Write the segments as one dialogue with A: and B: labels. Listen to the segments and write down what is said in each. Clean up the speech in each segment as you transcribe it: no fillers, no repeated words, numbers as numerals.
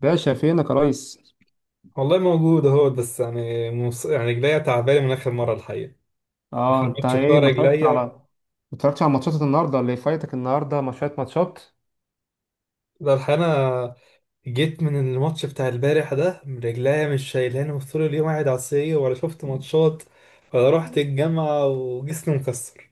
A: باشا فينك يا ريس؟
B: والله موجود اهوت، بس يعني رجليا تعبانه من اخر مره الحقيقه.
A: اه
B: اخر
A: انت
B: ماتش بتاع
A: ايه؟ ما
B: رجليا.
A: اتفرجتش على ماتشات النهارده اللي فايتك. النهارده ما شويه ماتشات.
B: ده الحقيقه، انا جيت من الماتش بتاع البارح ده، رجليا مش شايلاني، وطول اليوم قاعد على السرير ولا شفت ماتشات. ولا رحت الجامعه وجسمي مكسر.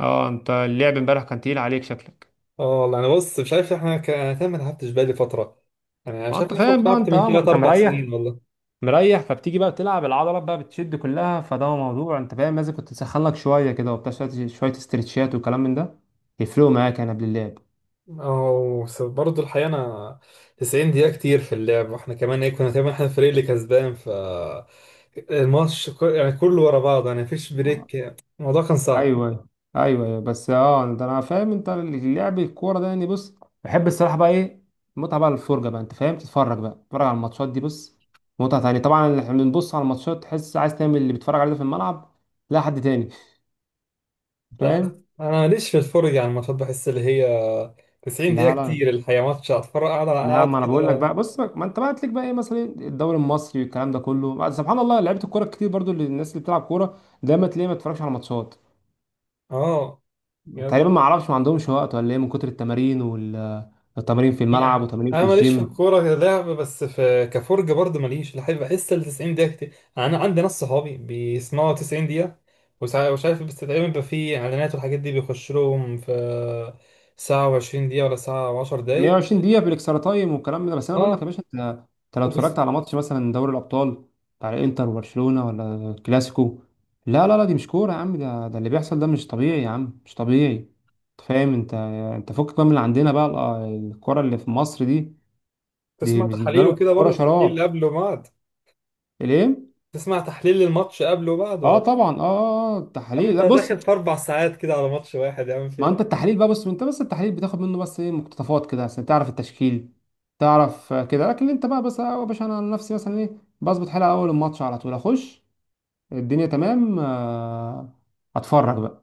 A: اه انت اللعب امبارح كان تقيل عليك شكلك.
B: اه والله، انا بص مش عارف، انا كمان ما لعبتش بقالي فتره. يعني انا
A: ما
B: شايف
A: انت
B: اخر
A: فاهم
B: مره
A: بقى،
B: لعبت
A: انت
B: من
A: ما
B: 3
A: انت
B: 4
A: مريح
B: سنين والله.
A: مريح فبتيجي بقى تلعب، العضلات بقى بتشد كلها، فده موضوع، انت فاهم، لازم كنت تسخن لك شويه كده وبتاع، شويه شوية استرتشات وكلام من ده يفرقوا معاك يعني قبل اللعب.
B: أو بس برضه الحقيقة أنا، 90 دقيقة كتير في اللعب. وإحنا كمان كنا تقريبا إحنا الفريق اللي كسبان ف الماتش، يعني كله ورا بعض، يعني مفيش بريك. الموضوع كان صعب.
A: ايوه ايوه. ايوه أيوه. بس ده انا فاهم انت لعب الكوره ده. يعني بص، بحب الصراحه بقى ايه المتعه بقى، الفرجه بقى، انت فاهم، تتفرج على الماتشات دي. بص، متعه تانية طبعا. احنا بنبص على الماتشات، تحس عايز تعمل اللي بيتفرج عليه ده في الملعب، لا حد تاني،
B: لا،
A: فاهم؟
B: أنا ماليش في الفرجة على الماتشات، بحس اللي هي 90 دقيقة
A: لا لا
B: كتير الحقيقة، ماتش أتفرج أقعد
A: لا،
B: أقعد
A: ما انا بقول لك
B: كده.
A: بقى، بص ما انت بقى تليك بقى ايه، مثلا الدوري المصري والكلام ده كله، سبحان الله، لعيبه الكوره كتير برضو الناس اللي بتلعب كوره دايما تلاقيه ما بتتفرجش على ماتشات.
B: أه، يعني،
A: تقريبا ما اعرفش، ما عندهمش وقت ولا ايه من كتر التمارين، وال التمارين في الملعب
B: يعني
A: وتمارين في
B: انا ماليش في
A: الجيم.
B: الكوره كلعب، بس في كفرجه برضه ماليش الحقيقه. بحس ال 90 دقيقه كتير، يعني انا عندي ناس صحابي بيسمعوا 90 دقيقه، ومش عارف، بس تقريبا بيبقى في اعلانات والحاجات دي بيخش لهم في ساعه و20 دقيقه، ولا ساعه و10 دقائق.
A: 120 دقيقة بالاكسترا تايم والكلام من ده، بس انا بقول لك يا
B: اه،
A: باشا، انت لو اتفرجت
B: وبتسمع
A: على ماتش مثلا دوري الابطال بتاع الانتر وبرشلونة ولا كلاسيكو. لا لا لا، دي مش كورة يا عم، ده اللي بيحصل ده مش طبيعي يا عم، مش طبيعي. انت فاهم؟ انت فكك بقى من اللي عندنا بقى، الكرة اللي في مصر دي، دي بالنسبة
B: تحاليل
A: لهم
B: وكده
A: كرة
B: برضه، تحليل
A: شراب.
B: قبل وبعد.
A: الايه؟
B: تسمع تحليل للماتش قبل وبعد،
A: اه
B: ولا؟
A: طبعا.
B: يا عم
A: التحليل،
B: انت
A: لا بص،
B: داخل في 4 ساعات كده على ماتش واحد، يا عم،
A: ما
B: في.
A: انت التحليل بقى، بص انت بس التحليل بتاخد منه بس ايه، مقتطفات كده عشان تعرف التشكيل، تعرف، كده. لكن انت بقى بس، يا باشا، انا عن نفسي مثلا ايه بظبط حلقه اول الماتش على طول اخش، الدنيا تمام. اتفرج بقى.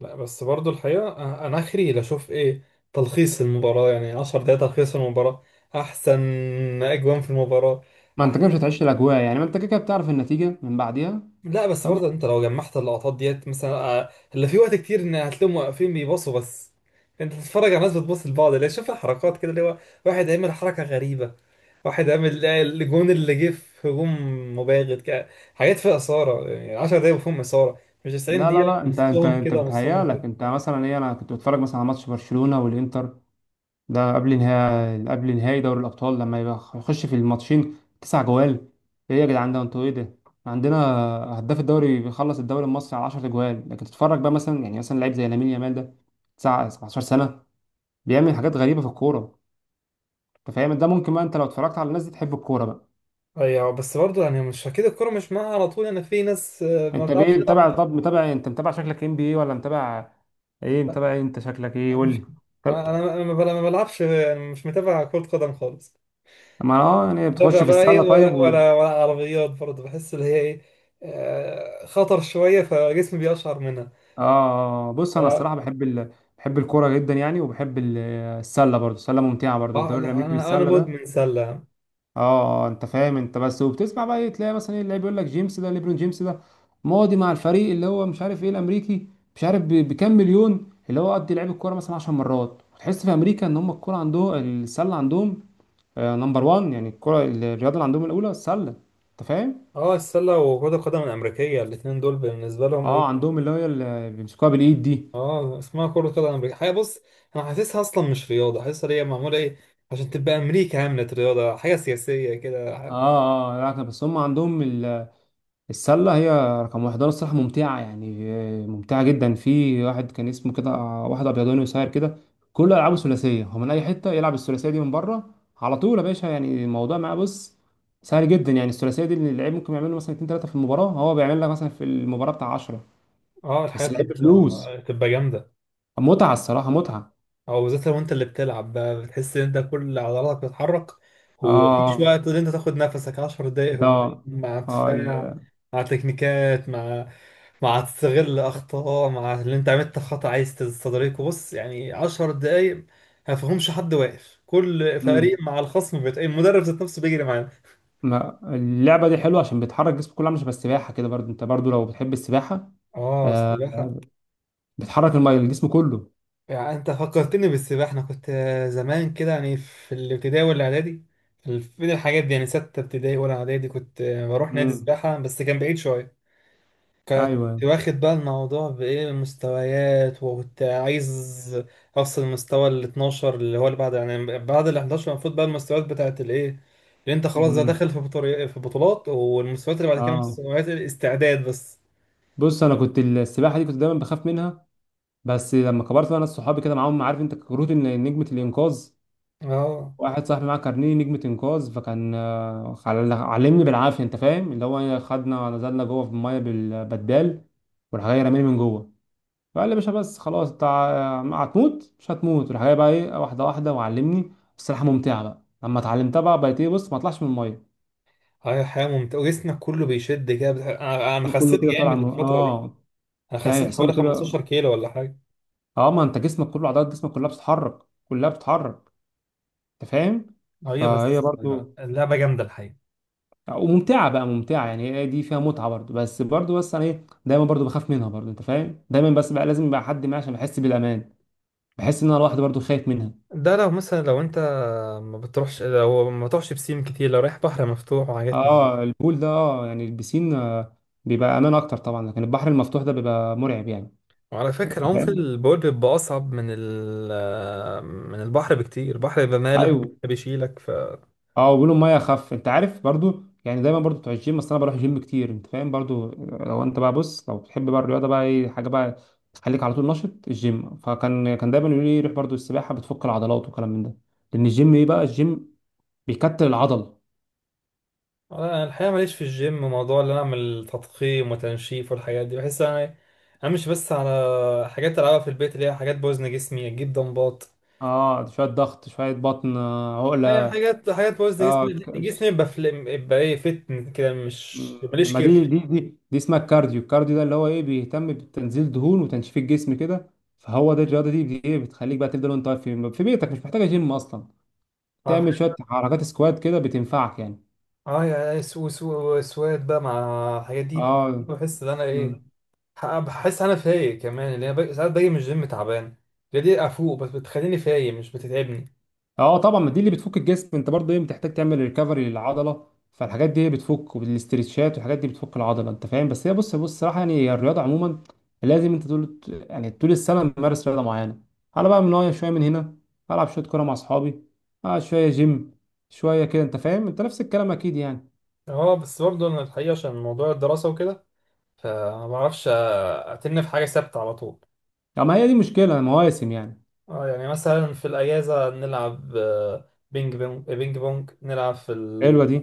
B: لا بس برضو الحقيقة، أنا آخري لأشوف إيه تلخيص المباراة، يعني 10 دقايق تلخيص المباراة أحسن. أجوان في المباراة
A: ما انت كده
B: أحسن.
A: مش هتعيش الاجواء يعني، ما انت كده كده بتعرف النتيجه من بعديها،
B: لا بس
A: فاهم؟
B: برضو أنت لو جمعت اللقطات ديت مثلا، اللي في وقت كتير إن هتلاقيهم واقفين بيبصوا بس. أنت بتتفرج على ناس بتبص لبعض، اللي شايف الحركات كده، اللي هو واحد عامل حركة غريبة، واحد عامل الجون اللي جه في هجوم مباغت كده. حاجات فيها إثارة، يعني 10 دقايق فيهم إثارة، مش 90
A: لا لا
B: دقيقة
A: لا، انت انت
B: نصهم
A: انت
B: كده نصهم
A: بتهيأ
B: كده.
A: لك، انت مثلا ايه، انا كنت بتفرج مثلا على ماتش برشلونه والانتر، ده قبل نهائي دوري الأبطال، لما يبقى يخش في الماتشين تسع جوال. إيه يا جدعان ده؟ أنتوا إيه ده؟ عندنا هداف الدوري بيخلص الدوري المصري على 10 جوال، لكن تتفرج بقى مثلا يعني مثلا لعيب زي لامين يامال ده، 17 سنة، بيعمل حاجات غريبة في الكورة. أنت فاهم؟ ده ممكن بقى، أنت لو اتفرجت على الناس دي تحب الكورة بقى.
B: ايوه بس برضه يعني مش اكيد الكوره مش معاها على طول، يعني في ناس ما
A: أنت
B: بتعرفش
A: بإيه
B: تلعب
A: متابع؟
B: معاها.
A: طب متابع إيه؟ أنت متابع شكلك NBA، ولا متابع إيه؟ متابع إيه أنت شكلك، إيه
B: أنا
A: قول
B: مش.
A: لي.
B: انا
A: طب
B: انا أنا ما بلعبش، يعني مش متابع كرة قدم خالص.
A: ما يعني
B: متابع
A: بتخش في
B: بقى ايه،
A: السلة؟ طيب.
B: ولا عربيات برضه، بحس اللي هي ايه، خطر شويه فجسمي بيقشعر منها.
A: اه بص،
B: ف-
A: انا الصراحه بحب بحب الكوره جدا يعني، وبحب السله برضو. السله ممتعه برضو،
B: اه
A: الدوري
B: لا،
A: الامريكي
B: انا
A: بالسله ده.
B: مدمن سله.
A: انت فاهم انت، بس وبتسمع بقى تلاقي مثلا ايه اللي بيقول لك، جيمس ده، ليبرون جيمس ده ماضي مع الفريق اللي هو مش عارف ايه الامريكي، مش عارف بكام مليون، اللي هو قد لعب الكوره مثلا 10 مرات. تحس في امريكا ان هم الكوره عندهم، السله عندهم نمبر 1 يعني. الكوره، الرياضه اللي عندهم الاولى السله، انت فاهم؟
B: اه، السله وكرة القدم الامريكيه، الاثنين دول بالنسبه لهم
A: اه
B: ايه.
A: عندهم اللي هي اللي بيمسكوها بالايد دي.
B: اه، اسمها كرة قدم امريكيه حاجه، بص، انا حاسسها اصلا مش رياضه، حاسسها هي معموله ايه عشان تبقى امريكا عملت رياضه، حاجه سياسيه كده.
A: اه. لا بس هم عندهم السلة هي رقم واحد رياضة. الصراحة ممتعة يعني، ممتعة جدا. في واحد كان اسمه كده، واحد أبيضاني قصير كده، كل ألعابه ثلاثية، هو من أي حتة يلعب الثلاثية دي من بره على طول يا باشا، يعني الموضوع معاه بص سهل جدا، يعني الثلاثية دي اللي اللعيب ممكن يعمل له مثلا اتنين تلاتة في المباراة، هو بيعمل لك مثلا في المباراة بتاع 10،
B: اه، الحياة
A: بس اللعيب بفلوس.
B: بتبقى جامدة،
A: متعة الصراحة، متعة.
B: او بالذات لو انت اللي بتلعب بقى بتحس ان انت كل عضلاتك بتتحرك، ومفيش
A: اه
B: وقت ان انت تاخد نفسك. 10 دقايق
A: ده
B: هجوم مع
A: اه
B: دفاع،
A: ال-
B: مع تكنيكات، مع تستغل اخطاء، مع اللي انت عملت خطأ عايز تستدركه. بص يعني 10 دقايق، ما فيهمش حد واقف، كل فريق
A: مم.
B: مع الخصم بيت المدرب ذات نفسه بيجري معانا.
A: ما اللعبة دي حلوة عشان بتحرك جسمك كله، عامل شبه السباحة كده، برضو انت برضو لو بتحب السباحة،
B: اه،
A: آه،
B: سباحة.
A: بتحرك الميه الجسم كله.
B: يعني انت فكرتني بالسباحه، انا كنت زمان كده، يعني في الابتدائي والاعدادي، في بين الحاجات دي، يعني سته ابتدائي ولا اعدادي، كنت بروح نادي
A: امم
B: سباحه، بس كان بعيد شويه.
A: ايوه.
B: كنت واخد بقى الموضوع بايه مستويات، وكنت عايز اوصل المستوى ال 12، اللي هو اللي بعد يعني بعد ال 11 المفروض بقى المستويات بتاعت الايه اللي انت خلاص ده
A: امم
B: داخل في في بطولات، والمستويات اللي بعد كده
A: اه
B: مستويات الاستعداد بس.
A: بص، انا كنت السباحه دي كنت دايما بخاف منها، بس لما كبرت بقى، ناس صحابي كده معاهم، عارف انت كروت نجمه الانقاذ،
B: اه،
A: واحد صاحبي معاه كارنيه نجمه انقاذ، فكان علمني بالعافيه، انت فاهم، اللي هو خدنا نزلنا جوه في الميه بالبدال، وراح جاي رماني من جوه، فقال لي يا باشا بس خلاص انت هتموت مش هتموت، راح جاي بقى ايه واحده واحده وعلمني. السباحه ممتعه بقى لما اتعلمتها، بقى بقيت ايه، بص ما اطلعش من الميه،
B: هي حياة ممتعة، وجسمك كله بيشد كده، أنا خسيت
A: كله كده طالع
B: جامد
A: من،
B: الفترة دي. انا
A: ده
B: خسيت
A: يحصل له
B: حوالي
A: كده.
B: 15 كيلو ولا حاجه.
A: اه ما انت جسمك كله عضلات، جسمك كلها بتتحرك، كلها بتتحرك، انت فاهم،
B: ايوه
A: فهي
B: بس
A: برضو
B: اللعبه جامده الحقيقه.
A: وممتعه بقى، ممتعه يعني، هي دي فيها متعه برضو. بس برضو، انا ايه دايما برضو بخاف منها برضو، انت فاهم، دايما بس بقى لازم يبقى حد معايا عشان بحس بالامان، بحس ان انا لوحدي برضو خايف منها.
B: ده لو مثلا لو انت ما بتروحش، لو ما تروحش بسين كتير، لو رايح بحر مفتوح وحاجات من دي.
A: اه البول ده، يعني البسين بيبقى امان اكتر طبعا، لكن البحر المفتوح ده بيبقى مرعب يعني.
B: وعلى
A: أنت
B: فكره، عمق
A: فاهم؟
B: البورد بيبقى اصعب من البحر بكتير، البحر بيبقى مالح
A: ايوه.
B: بيشيلك ف.
A: اه وبيقولوا الميه اخف، انت عارف برضو يعني. دايما برضو بتوع الجيم، اصل انا بروح جيم كتير، انت فاهم، برضو لو انت بقى بص، لو بتحب بقى الرياضه بقى ايه، حاجه بقى تخليك على طول نشط، الجيم، فكان دايما يقولوا لي روح برضو السباحه بتفك العضلات وكلام من ده، لان الجيم ايه بقى، الجيم بيكتل العضل.
B: انا الحقيقه ماليش في الجيم، موضوع ان انا اعمل تضخيم وتنشيف والحاجات دي، بحس انا امشي بس على حاجات العبها في البيت، اللي هي حاجات بوزن جسمي، اجيب دمبات.
A: اه شويه ضغط، شويه بطن، عقله.
B: هي حاجات حاجات بوز
A: اه
B: جسمي
A: ك-
B: جسمي يبقى يبقى ايه فتن كده، مش ماليش
A: ما دي
B: كير.
A: دي دي دي اسمها الكارديو، الكارديو ده اللي هو ايه بيهتم بتنزيل دهون وتنشيف الجسم كده، فهو ده الرياضه دي ايه بتخليك بقى تفضل وانت واقف في بيتك، مش محتاجه جيم اصلا،
B: اه،
A: تعمل شويه حركات سكوات كده بتنفعك يعني.
B: يا سو سو سواد بقى مع الحاجات دي،
A: اه
B: بحس ان انا ايه،
A: مم.
B: بحس انا فايق كمان، اللي انا ساعات باجي من الجيم تعبان، هي دي افوق، بس بتخليني فايق مش بتتعبني.
A: اه طبعا، ما دي اللي بتفك الجسم. انت برضه ايه بتحتاج تعمل ريكفري للعضله، فالحاجات دي هي بتفك، والاسترتشات والحاجات دي بتفك العضله، انت فاهم. بس هي بص، بص الصراحه يعني هي الرياضه عموما، لازم انت طول السنه ممارس رياضه معينه. انا بقى من نوع شويه من هنا، العب شويه كوره مع اصحابي، شويه جيم، شويه كده، انت فاهم، انت نفس الكلام اكيد يعني.
B: اه بس برضه انا الحقيقه عشان موضوع الدراسه وكده، فما بعرفش، اتن في حاجه ثابته على طول.
A: طب ما هي دي مشكله مواسم يعني.
B: اه يعني مثلا في الاجازه نلعب بينج بونج. بينج بونج نلعب في
A: حلوه دي.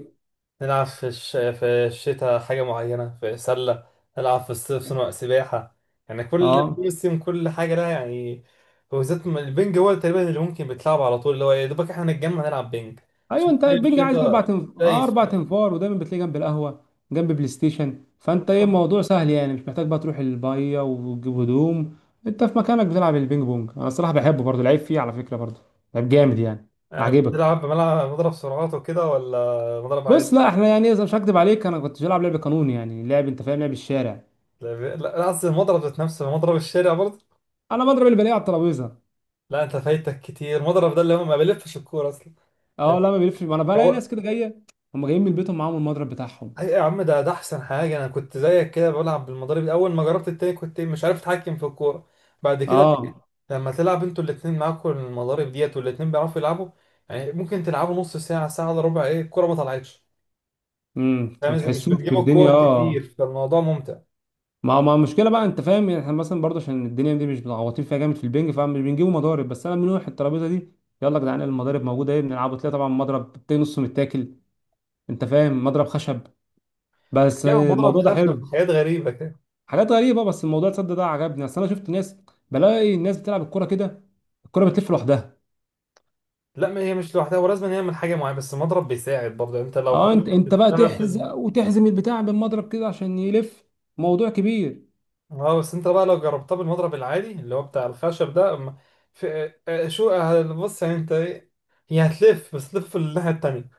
B: نلعب في الشتاء حاجة معينة في سلة، نلعب في الصيف صنع سباحة، يعني كل
A: اه
B: موسم كل حاجة لها يعني. وبالذات البنج هو تقريبا اللي ممكن بيتلعب على طول، اللي هو يا دوبك احنا نتجمع نلعب بنج.
A: ايوه،
B: شوف
A: انت
B: صيف
A: البنج عايز اربع
B: شتاء
A: تنف... آه،
B: دايس
A: اربع
B: فيه.
A: تنفار، ودايما بتلاقيه جنب القهوه، جنب بلاي ستيشن، فانت ايه
B: آه.
A: الموضوع سهل يعني، مش محتاج بقى تروح البايه وتجيب هدوم، انت في مكانك بتلعب البينج بونج. انا الصراحه بحبه برضه، لعيب فيه على فكره برضه، لعيب جامد يعني.
B: يعني
A: عاجبك؟
B: بتلعب بملعب مضرب سرعات وكده، ولا مضرب عادي؟
A: بص لا احنا يعني، اذا مش هكدب عليك، انا كنت بلعب لعب قانون يعني لعب، انت فاهم، لعب الشارع،
B: لا، لا، لا، قصدي المضرب ذات نفسه، مضرب الشارع برضه.
A: انا بضرب اللي بلاقيه على الترابيزه.
B: لا، انت فايتك كتير، المضرب ده اللي هو ما بيلفش الكورة اصلا.
A: اه لا ما بيلفش، ما انا بلاقي
B: يعني،
A: ناس كده جايه، هم جايين من بيتهم معاهم المضرب بتاعهم.
B: اي يا عم، ده احسن حاجه، انا كنت زيك كده بلعب بالمضارب، اول ما جربت التاني كنت مش عارف اتحكم في الكوره. بعد كده لقيت،
A: اه.
B: لما تلعب انتوا الاتنين معاكم المضارب ديت والاتنين بيعرفوا يلعبوا، يعني ممكن تلعبوا نص ساعه ساعه الا ربع، ايه الكوره ما طلعتش.
A: انت
B: فاهم
A: ما
B: إزاي؟ مش
A: بتحسوش
B: بتجيبوا
A: بالدنيا،
B: الكور كتير،
A: اه.
B: فالموضوع ممتع.
A: ما المشكله بقى، انت فاهم، يعني احنا مثلا برضه عشان الدنيا دي مش متعوطين فيها جامد في البنج، فمش بنجيبوا مضارب، بس انا من ناحيه الترابيزه دي، يلا يا جدعان المضارب موجوده ايه بنلعبوا، تلاقي طبعا مضرب تلاقي نصه متاكل، انت فاهم، مضرب خشب، بس
B: يعني المضرب
A: الموضوع ده
B: خشب في
A: حلو،
B: حاجات غريبه كده.
A: حاجات غريبه، بس الموضوع تصدق ده عجبني، اصل انا شفت ناس، بلاقي الناس بتلعب الكوره كده، الكوره بتلف لوحدها.
B: لا ما هي مش لوحدها، ولازم يعمل حاجه معينه، بس المضرب بيساعد برضه انت لو
A: اه، انت
B: حاولت
A: انت بقى
B: تشتغل.
A: تحزق وتحزم البتاع بالمضرب كده عشان يلف، موضوع كبير.
B: اه بس انت بقى لو جربتها بالمضرب العادي اللي هو بتاع الخشب ده، أما في آه، اه، شو آه، بص يعني انت ايه، هي هتلف، بس تلف الناحية التانية،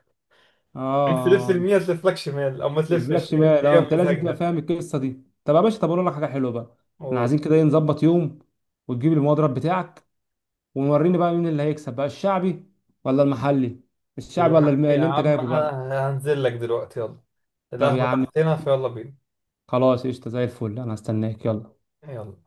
B: عايز تلف
A: اه
B: يمين هتلف لك شمال، او ما
A: ما
B: تلفش،
A: تجيبلكش
B: هي
A: مال.
B: هي
A: اه انت لازم تبقى
B: مزاجها.
A: فاهم القصه دي. طب يا باشا، اقول لك حاجه حلوه بقى، احنا
B: قول.
A: عايزين كده ايه نظبط يوم، وتجيب المضرب بتاعك، ووريني بقى مين اللي هيكسب بقى، الشعبي ولا المحلي؟ الشعبي ولا
B: يا يا
A: اللي انت
B: عم
A: جايبه بقى؟
B: انا هنزل لك دلوقتي، يلا.
A: طب يا
B: القهوة
A: عم
B: تحتنا، فيلا بينا.
A: خلاص، قشطه زي الفل، انا هستناك، يلا.
B: يلا.